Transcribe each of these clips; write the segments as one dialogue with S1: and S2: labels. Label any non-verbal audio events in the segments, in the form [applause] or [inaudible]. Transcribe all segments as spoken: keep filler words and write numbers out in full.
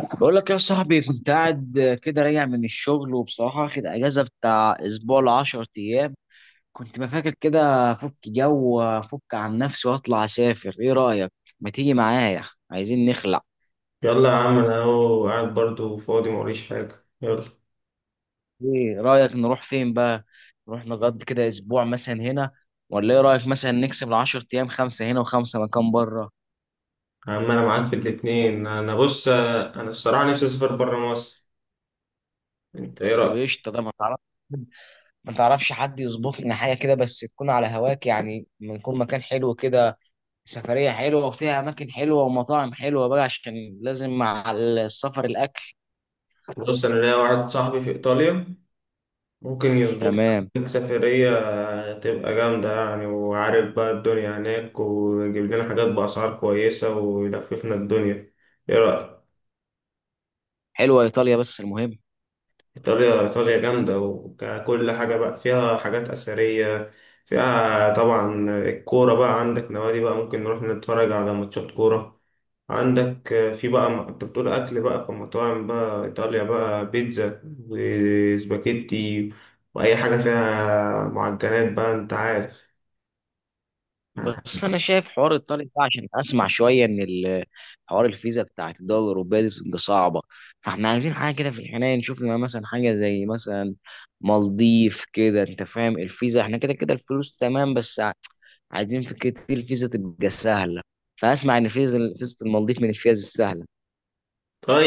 S1: بقول لك يا صاحبي، كنت قاعد كده راجع من الشغل، وبصراحة واخد أجازة بتاع أسبوع لعشر أيام. كنت ما فاكر كده. أفك جو وأفك عن نفسي وأطلع أسافر، إيه رأيك؟ ما تيجي معايا، عايزين نخلع.
S2: يلا يا عم، انا اهو قاعد برضو فاضي موريش حاجة، يلا.
S1: إيه رأيك نروح فين بقى؟ نروح نقضي كده أسبوع مثلا هنا، ولا إيه رأيك مثلا نكسب العشر أيام خمسة هنا وخمسة مكان بره؟
S2: يا عم، انا معاك في الاتنين. انا بص، انا الصراحة نفسي اسافر برا مصر. انت ايه
S1: طب
S2: رأيك؟
S1: قشطة. ده ما تعرف ما تعرفش حد يظبط لنا حاجة كده، بس تكون على هواك يعني، بنكون مكان حلو كده. سفرية حلوة وفيها أماكن حلوة ومطاعم حلوة بقى، عشان لازم مع السفر الأكل.
S2: بص، انا ليا واحد صاحبي في ايطاليا، ممكن يظبط
S1: تمام.
S2: لك سفرية تبقى جامدة يعني، وعارف بقى الدنيا هناك، ويجيب لنا حاجات بأسعار كويسة، ويلففنا الدنيا. ايه رأيك؟
S1: حلوة إيطاليا بس المهم،
S2: إيطاليا إيطاليا جامدة، وكل حاجة بقى فيها حاجات أثرية. فيها طبعا الكورة، بقى عندك نوادي بقى، ممكن نروح نتفرج على ماتشات كورة. عندك في بقى م- أنت بتقول أكل بقى في مطاعم بقى، إيطاليا بقى بيتزا وسباكيتي، وأي حاجة فيها معجنات بقى، أنت عارف.
S1: بس أنا شايف حوار إيطاليا ده عشان أسمع شوية إن ال- حوار الفيزا بتاعت الدول الأوروبية دي بتبقى صعبة. فإحنا عايزين حاجة كده في الحنين، نشوف لنا مثلا حاجة زي مثلا مالديف كده، أنت فاهم. الفيزا إحنا كده كده الفلوس تمام، بس ع- عايزين في كده الفيزا تبقى سهلة. فأسمع إن فيزا فيزا المالديف من الفيز السهلة.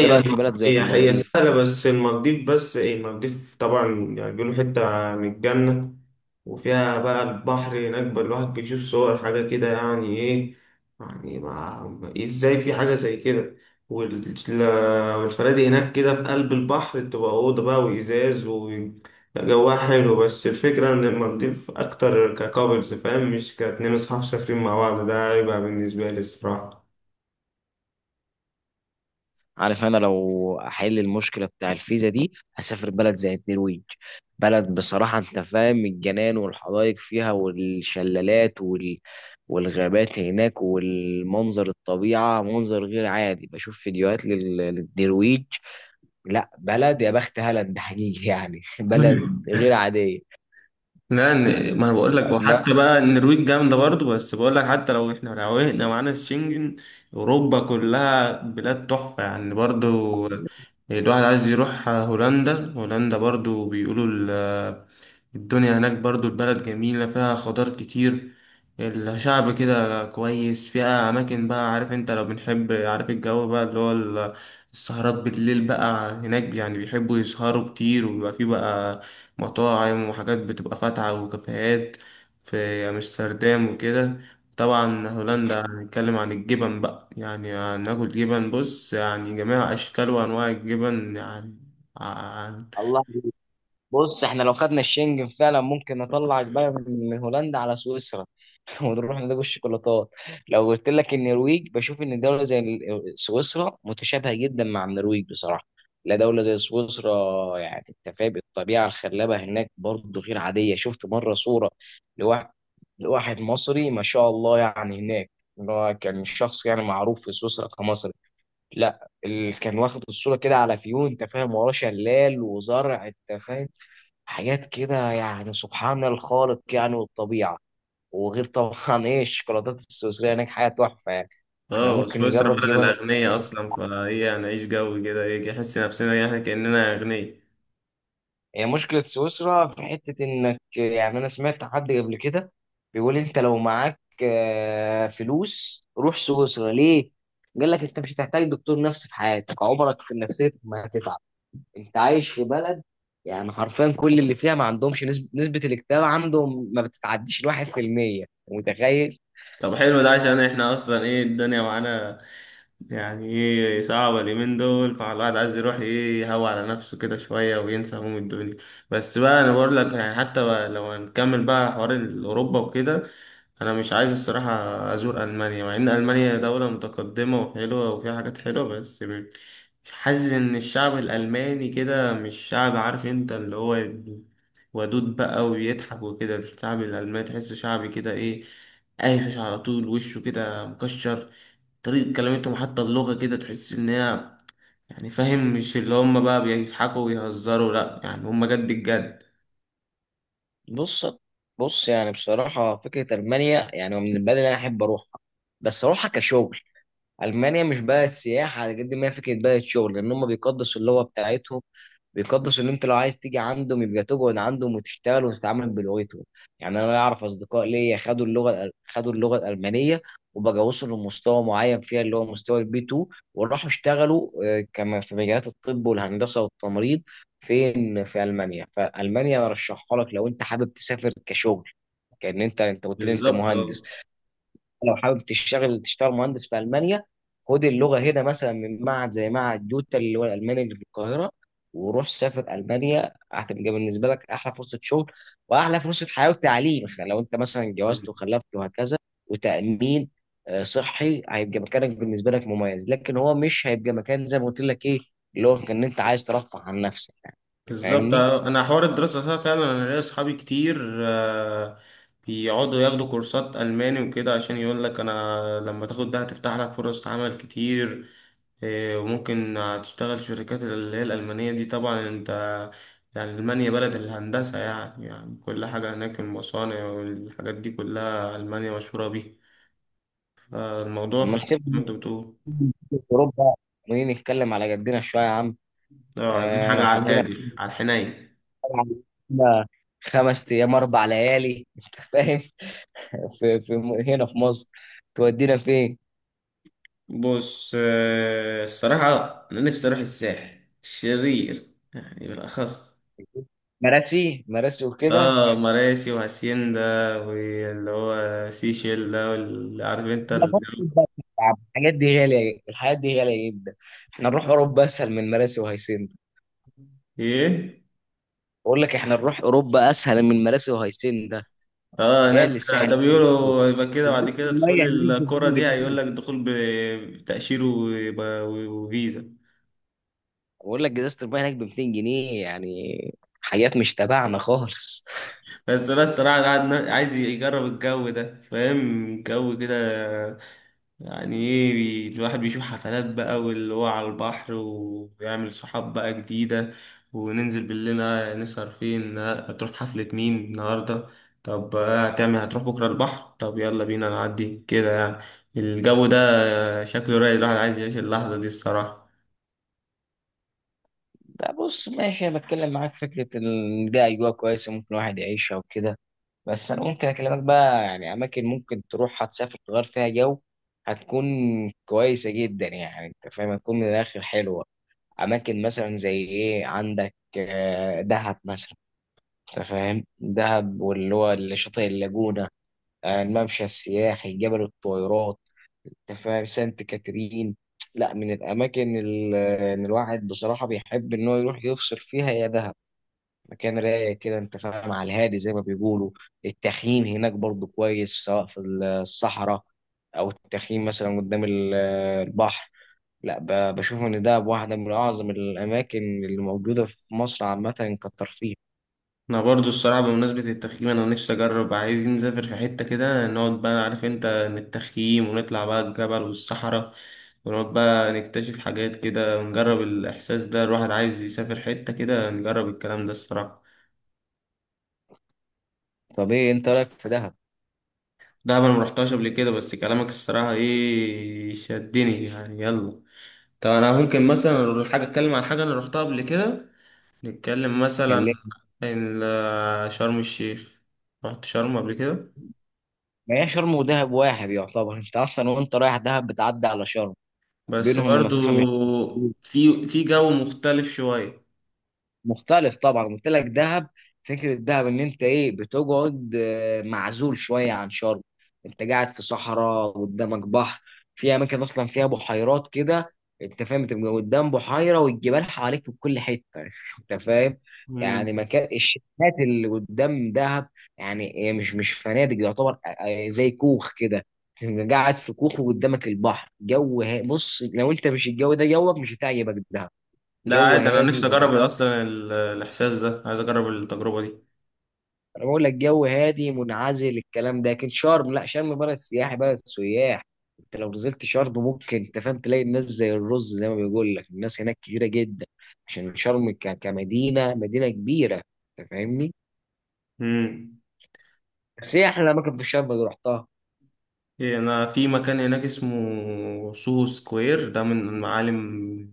S1: إيه رأيك في بلد زي
S2: هي هي
S1: المالديف؟
S2: سهلة بس المالديف. بس ايه، المالديف طبعا يعني بيقولوا حتة من الجنة، وفيها بقى البحر هناك، بقى الواحد بيشوف صور حاجة كده، يعني ايه، يعني ما ازاي في حاجة زي كده. وال- والفنادق هناك كده في قلب البحر، بتبقى أوضة بقى وإزاز، و لا، جواها حلو، بس الفكرة إن المالديف أكتر ككابلز فاهم، مش كاتنين أصحاب سافرين مع بعض، ده هيبقى بالنسبة لي الصراحة.
S1: عارف، انا لو احل المشكله بتاع الفيزا دي هسافر بلد زي النرويج. بلد بصراحه انت فاهم، الجنان والحدائق فيها والشلالات وال... والغابات هناك والمنظر الطبيعه، منظر غير عادي. بشوف فيديوهات لل... للنرويج. لا بلد يا بخت هالاند، حقيقي يعني [laughs] بلد
S2: [laughs]
S1: غير عاديه.
S2: لا، إن- ما انا بقول لك،
S1: اتمنى.
S2: وحتى بقى النرويج جامده برضو، بس بقول لك، حتى لو احنا روقنا معانا الشنجن، اوروبا كلها بلاد تحفه يعني برضو. الواحد عايز يروح هولندا. هولندا برضو بيقولوا ال- الدنيا هناك برضو، البلد جميله، فيها خضار كتير، الشعب كده كويس، فيها اماكن بقى، عارف انت لو بنحب، عارف الجو بقى اللي هو ال- السهرات بالليل بقى هناك، يعني بيحبوا يسهروا كتير، وبيبقى فيه بقى مطاعم وحاجات بتبقى فاتحة وكافيهات في أمستردام وكده. طبعا هولندا، هنتكلم عن الجبن بقى، يعني هناكل جبن بص، يعني جميع أشكال وأنواع الجبن يعني. عن-
S1: الله. بص احنا لو خدنا الشنجن فعلا ممكن نطلع البلد من هولندا على سويسرا، ونروح نلاقي الشوكولاتات. لو قلت لك النرويج، بشوف ان دوله زي ال- سويسرا متشابهه جدا مع النرويج بصراحه. لا دوله زي سويسرا، يعني انت فاهم الطبيعه الخلابه هناك برضه غير عاديه. شفت مره صوره لواحد لواحد مصري ما شاء الله يعني هناك، اللي هو كان شخص يعني معروف في سويسرا كمصري. لا اللي كان واخد الصوره كده على فيو، انت فاهم، وراه شلال وزرع، انت فاهم، حاجات كده يعني سبحان الخالق، يعني والطبيعه. وغير طبعا [laughs] ايه الشوكولاتات السويسريه هناك حاجه تحفه يعني. احنا
S2: اه
S1: ممكن
S2: سويسرا
S1: نجرب
S2: بلد
S1: جبن.
S2: الأغنياء أصلا، فهي هنعيش جو كده، يجي نحس نفسنا يعني كأننا أغنياء.
S1: هي مشكله سويسرا في حته انك، يعني انا سمعت حد قبل كده بيقول: انت لو معاك آه، فلوس روح سويسرا ليه؟ قال لك انت مش هتحتاج دكتور نفسي في حياتك، عمرك في النفسيه ما هتتعب. انت عايش في بلد يعني حرفيا كل اللي فيها ما عندهمش نسبه نسبه الاكتئاب عندهم ما بتتعديش الواحد في المية، متخيل؟
S2: طب حلو ده، عشان احنا أصلا ايه، الدنيا معانا يعني ايه صعبة اليومين دول، فالواحد عايز يروح ايه، يهوى على نفسه كده شوية وينسى هموم الدنيا. بس بقى انا بقول لك يعني، حتى بقى لو هنكمل بقى حوار اوروبا وكده، انا مش عايز الصراحة ازور المانيا، مع ان المانيا دولة متقدمة وحلوة وفيها حاجات حلوة، بس م- حاسس ان الشعب الالماني كده مش شعب، عارف انت اللي هو ودود بقى ويضحك وكده. الشعب الالماني تحسه شعبي كده، ايه قايفش على طول، وشه كده مكشر. طريقة كلمتهم حتى، اللغة كده تحس إن هي يعني فاهم، مش اللي هم بقى بيضحكوا ويهزروا، لأ يعني هم جد الجد.
S1: بص بص يعني بصراحة فكرة ألمانيا يعني من البلد اللي أنا أحب أروحها، بس أروحها كشغل. ألمانيا مش بلد سياحة على قد ما هي فكرة بلد شغل، لأن هم بيقدسوا اللغة بتاعتهم. بيقدس ان انت لو عايز تيجي عندهم يبقى تقعد عندهم وتشتغل وتتعامل بلغتهم. يعني انا اعرف اصدقاء ليا خدوا اللغه، خدوا اللغه الالمانيه، وبقى وصلوا لمستوى معين فيها، اللي هو مستوى البي تو، وراحوا اشتغلوا آه، كما في مجالات الطب والهندسه والتمريض فين في المانيا. فالمانيا ارشحها لك لو انت حابب تسافر كشغل، كان انت، انت قلت لي انت
S2: بالظبط
S1: مهندس.
S2: اه.
S1: لو حابب تشتغل، تشتغل مهندس في المانيا. خد اللغه هنا مثلا من معهد زي معهد دوتا اللي هو الالماني اللي في القاهره، وروح سافر المانيا. هتبقى بالنسبه لك احلى فرصه شغل، واحلى فرصه حياه وتعليم، خ- لو انت مثلا اتجوزت وخلفت وهكذا، وتامين آه، صحي. هيبقى مكانك بالنسبه لك مميز، لكن هو مش هيبقى مكان زي ما قلت لك ايه، اللي هو كان انت عايز ترفع عن نفسك يعني. انت
S2: بالظبط
S1: فاهمني؟
S2: اه. أنا حوار الدراسة ده فعلا، أنا ليا أصحابي كتير آه، بيقعدوا ياخدوا كورسات ألماني وكده، عشان يقول لك أنا لما تاخد ده هتفتح لك فرص عمل كتير. إيه، وممكن تشتغل في شركات اللي هي الألمانية دي، طبعا انت يعني ألمانيا بلد الهندسة يعني يعني كل حاجة هناك، المصانع والحاجات دي كلها، ألمانيا مشهورة بيها. الموضوع
S1: لما
S2: فعلا زي ما
S1: نسيب
S2: انت بتقول.
S1: اوروبا ونيجي نتكلم على جدنا شويه يا عم.
S2: اه، عايزين
S1: آه
S2: حاجة
S1: لو
S2: على
S1: حبينا،
S2: الهادي، على الحنين.
S1: إحنا خمس ايام اربع ليالي، انت فاهم، في, في هنا في مصر، تودينا فين؟
S2: بص، آه، الصراحة أنا نفسي أروح الساحل الشرير يعني، بالأخص.
S1: مراسي مراسي وكده.
S2: اه، مراسي وهاسيندا، واللي هو سيشيل ده، واللي عارف انت الجو-
S1: الحاجات دي غاليه، الحاجات دي غاليه جدا. احنا نروح اوروبا اسهل من مراسي وهيسن.
S2: ايه.
S1: بقول لك احنا نروح اوروبا اسهل من مراسي وهيسن ده.
S2: اه، هناك.
S1: غالي الساحل
S2: ده
S1: الشمالي،
S2: بيقولوا يبقى كده،
S1: إزازة
S2: بعد كده تدخل
S1: المية هناك ب
S2: الكرة
S1: 200
S2: دي، هيقول
S1: جنيه
S2: لك دخول ب- بتأشيرة وب- وفيزا.
S1: بقول لك ازازه المية هناك ب ميتين جنيه يعني، حاجات مش تبعنا خالص.
S2: بس انا الصراحه، أنا عاد- عايز يجرب الجو ده فاهم، جو كده يعني ايه، بي- الواحد بيشوف حفلات بقى، واللي هو على البحر ويعمل صحاب بقى جديده، وننزل بالليل. آه، نسهر فين؟ آه، هتروح حفله مين النهارده؟ طب آه، هتعمل هتروح بكره البحر؟ طب يلا بينا نعدي كده يعني الجو ده، آه، شكله رايق. الواحد عايز يعيش اللحظه دي الصراحه.
S1: ده بص ماشي، انا بتكلم معاك فكره إن ده اجواء كويسه ممكن الواحد يعيشها وكده، بس انا ممكن اكلمك بقى يعني اماكن ممكن تروح هتسافر تغير فيها جو، هتكون كويسه جدا، يعني انت فاهم، هتكون من الاخر حلوه. اماكن مثلا زي ايه، عندك آه، دهب مثلا. انت فاهم دهب، واللي هو شاطئ اللاجونه، آه، الممشى السياحي، جبل الطويلات، انت فاهم، سانت كاترين. لا من الاماكن اللي الواحد بصراحه بيحب ان هو يروح يفصل فيها يا دهب. مكان رايق كده انت فاهم، على الهادي زي ما بيقولوا. التخييم هناك برضو كويس، سواء في الصحراء او التخييم مثلا قدام ال- البحر. لا ب- بشوف ان ده واحده من اعظم الاماكن اللي موجوده في مصر عامه كترفيه.
S2: انا برضو الصراحه بمناسبه التخييم، انا نفسي اجرب. عايزين نسافر في حته كده، نقعد بقى، عارف انت نتخييم ونطلع بقى الجبل والصحراء، ونقعد بقى نكتشف حاجات كده، ونجرب الاحساس ده. الواحد عايز يسافر حته كده نجرب الكلام ده الصراحه.
S1: طب ايه انت رايك في دهب؟
S2: ده انا مرحتهاش قبل كده، بس كلامك الصراحه ايه شدني يعني، يلا. طب انا ممكن مثلا أروح حاجه، اتكلم عن حاجه انا رحتها قبل كده. نتكلم مثلا
S1: كلمني.
S2: عن ال- شرم الشيخ. رحت شرم قبل كده،
S1: ما هي شرم ودهب واحد يعتبر، انت اصلا وانت رايح دهب بتعدي على شرم.
S2: بس
S1: بينهم
S2: برضو
S1: مسافه مش كبيره.
S2: في في جو مختلف شوية.
S1: مختلف طبعا، قلت لك دهب. فكره دهب ان انت ايه، بتقعد آه، معزول شويه عن شرم. انت قاعد في صحراء قدامك بحر. في اماكن اصلا فيها بحيرات كده، انت فاهم، تبقى قدام بحيره والجبال حواليك في كل حته [laughs] انت فاهم. يعني
S2: امم.
S1: مكان الشاليهات اللي قدام دهب، يعني هي مش مش فنادق يعتبر، آه، آه، زي كوخ كده. تبقى قاعد في كوخ وقدامك البحر، جو ها- بص لو انت مش الجو ده جوك مش هتعجبك دهب.
S2: لا،
S1: جو
S2: عادي، انا
S1: هادي.
S2: نفسي اجرب اصلا ال- الاحساس ده، عايز اجرب التجربة دي.
S1: انا بقول لك جو هادي منعزل، الكلام ده. لكن شرم لا، شرم بلد سياحي، بلد سياح. انت لو نزلت شرم ممكن، انت فاهم، تلاقي الناس زي الرز، زي ما بيقول لك، الناس هناك كتيره جدا، عشان شرم ك- كمدينه، مدينه كبيره. انت فاهمني؟
S2: امم.
S1: بس ايه احلى اماكن في شرم اللي رحتها؟
S2: إيه، انا في مكان هناك اسمه سوهو سكوير، ده من المعالم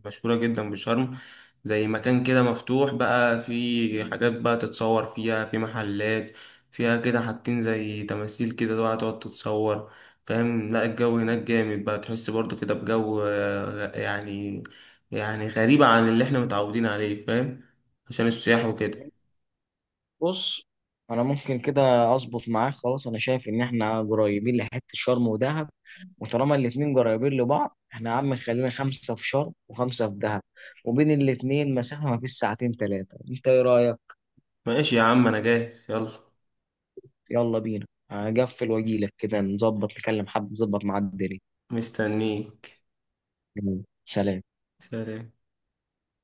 S2: مشهورة جدا بشرم، زي مكان كده مفتوح بقى، في حاجات بقى تتصور فيها، في محلات فيها كده حاطين زي تماثيل كده بقى تقعد تتصور فاهم. لا الجو هناك جامد بقى، تحس برضو كده بجو آه، غ- يعني، يعني غريبة عن اللي احنا متعودين عليه فاهم، عشان السياح وكده.
S1: بص، انا ممكن كده اظبط معاك خلاص. انا شايف ان احنا قريبين لحته شرم ودهب، وطالما الاتنين قريبين لبعض احنا يا عم، خلينا خمسه في شرم وخمسه في دهب، وبين الاتنين مسافه ما فيش ساعتين ثلاثه. انت ايه رايك؟
S2: ماشي يا عم، انا جاهز، يلا.
S1: يلا بينا. هقفل واجيلك كده نظبط، نكلم حد نظبط مع الدنيا.
S2: مستنيك.
S1: يلا، سلام.
S2: سلام.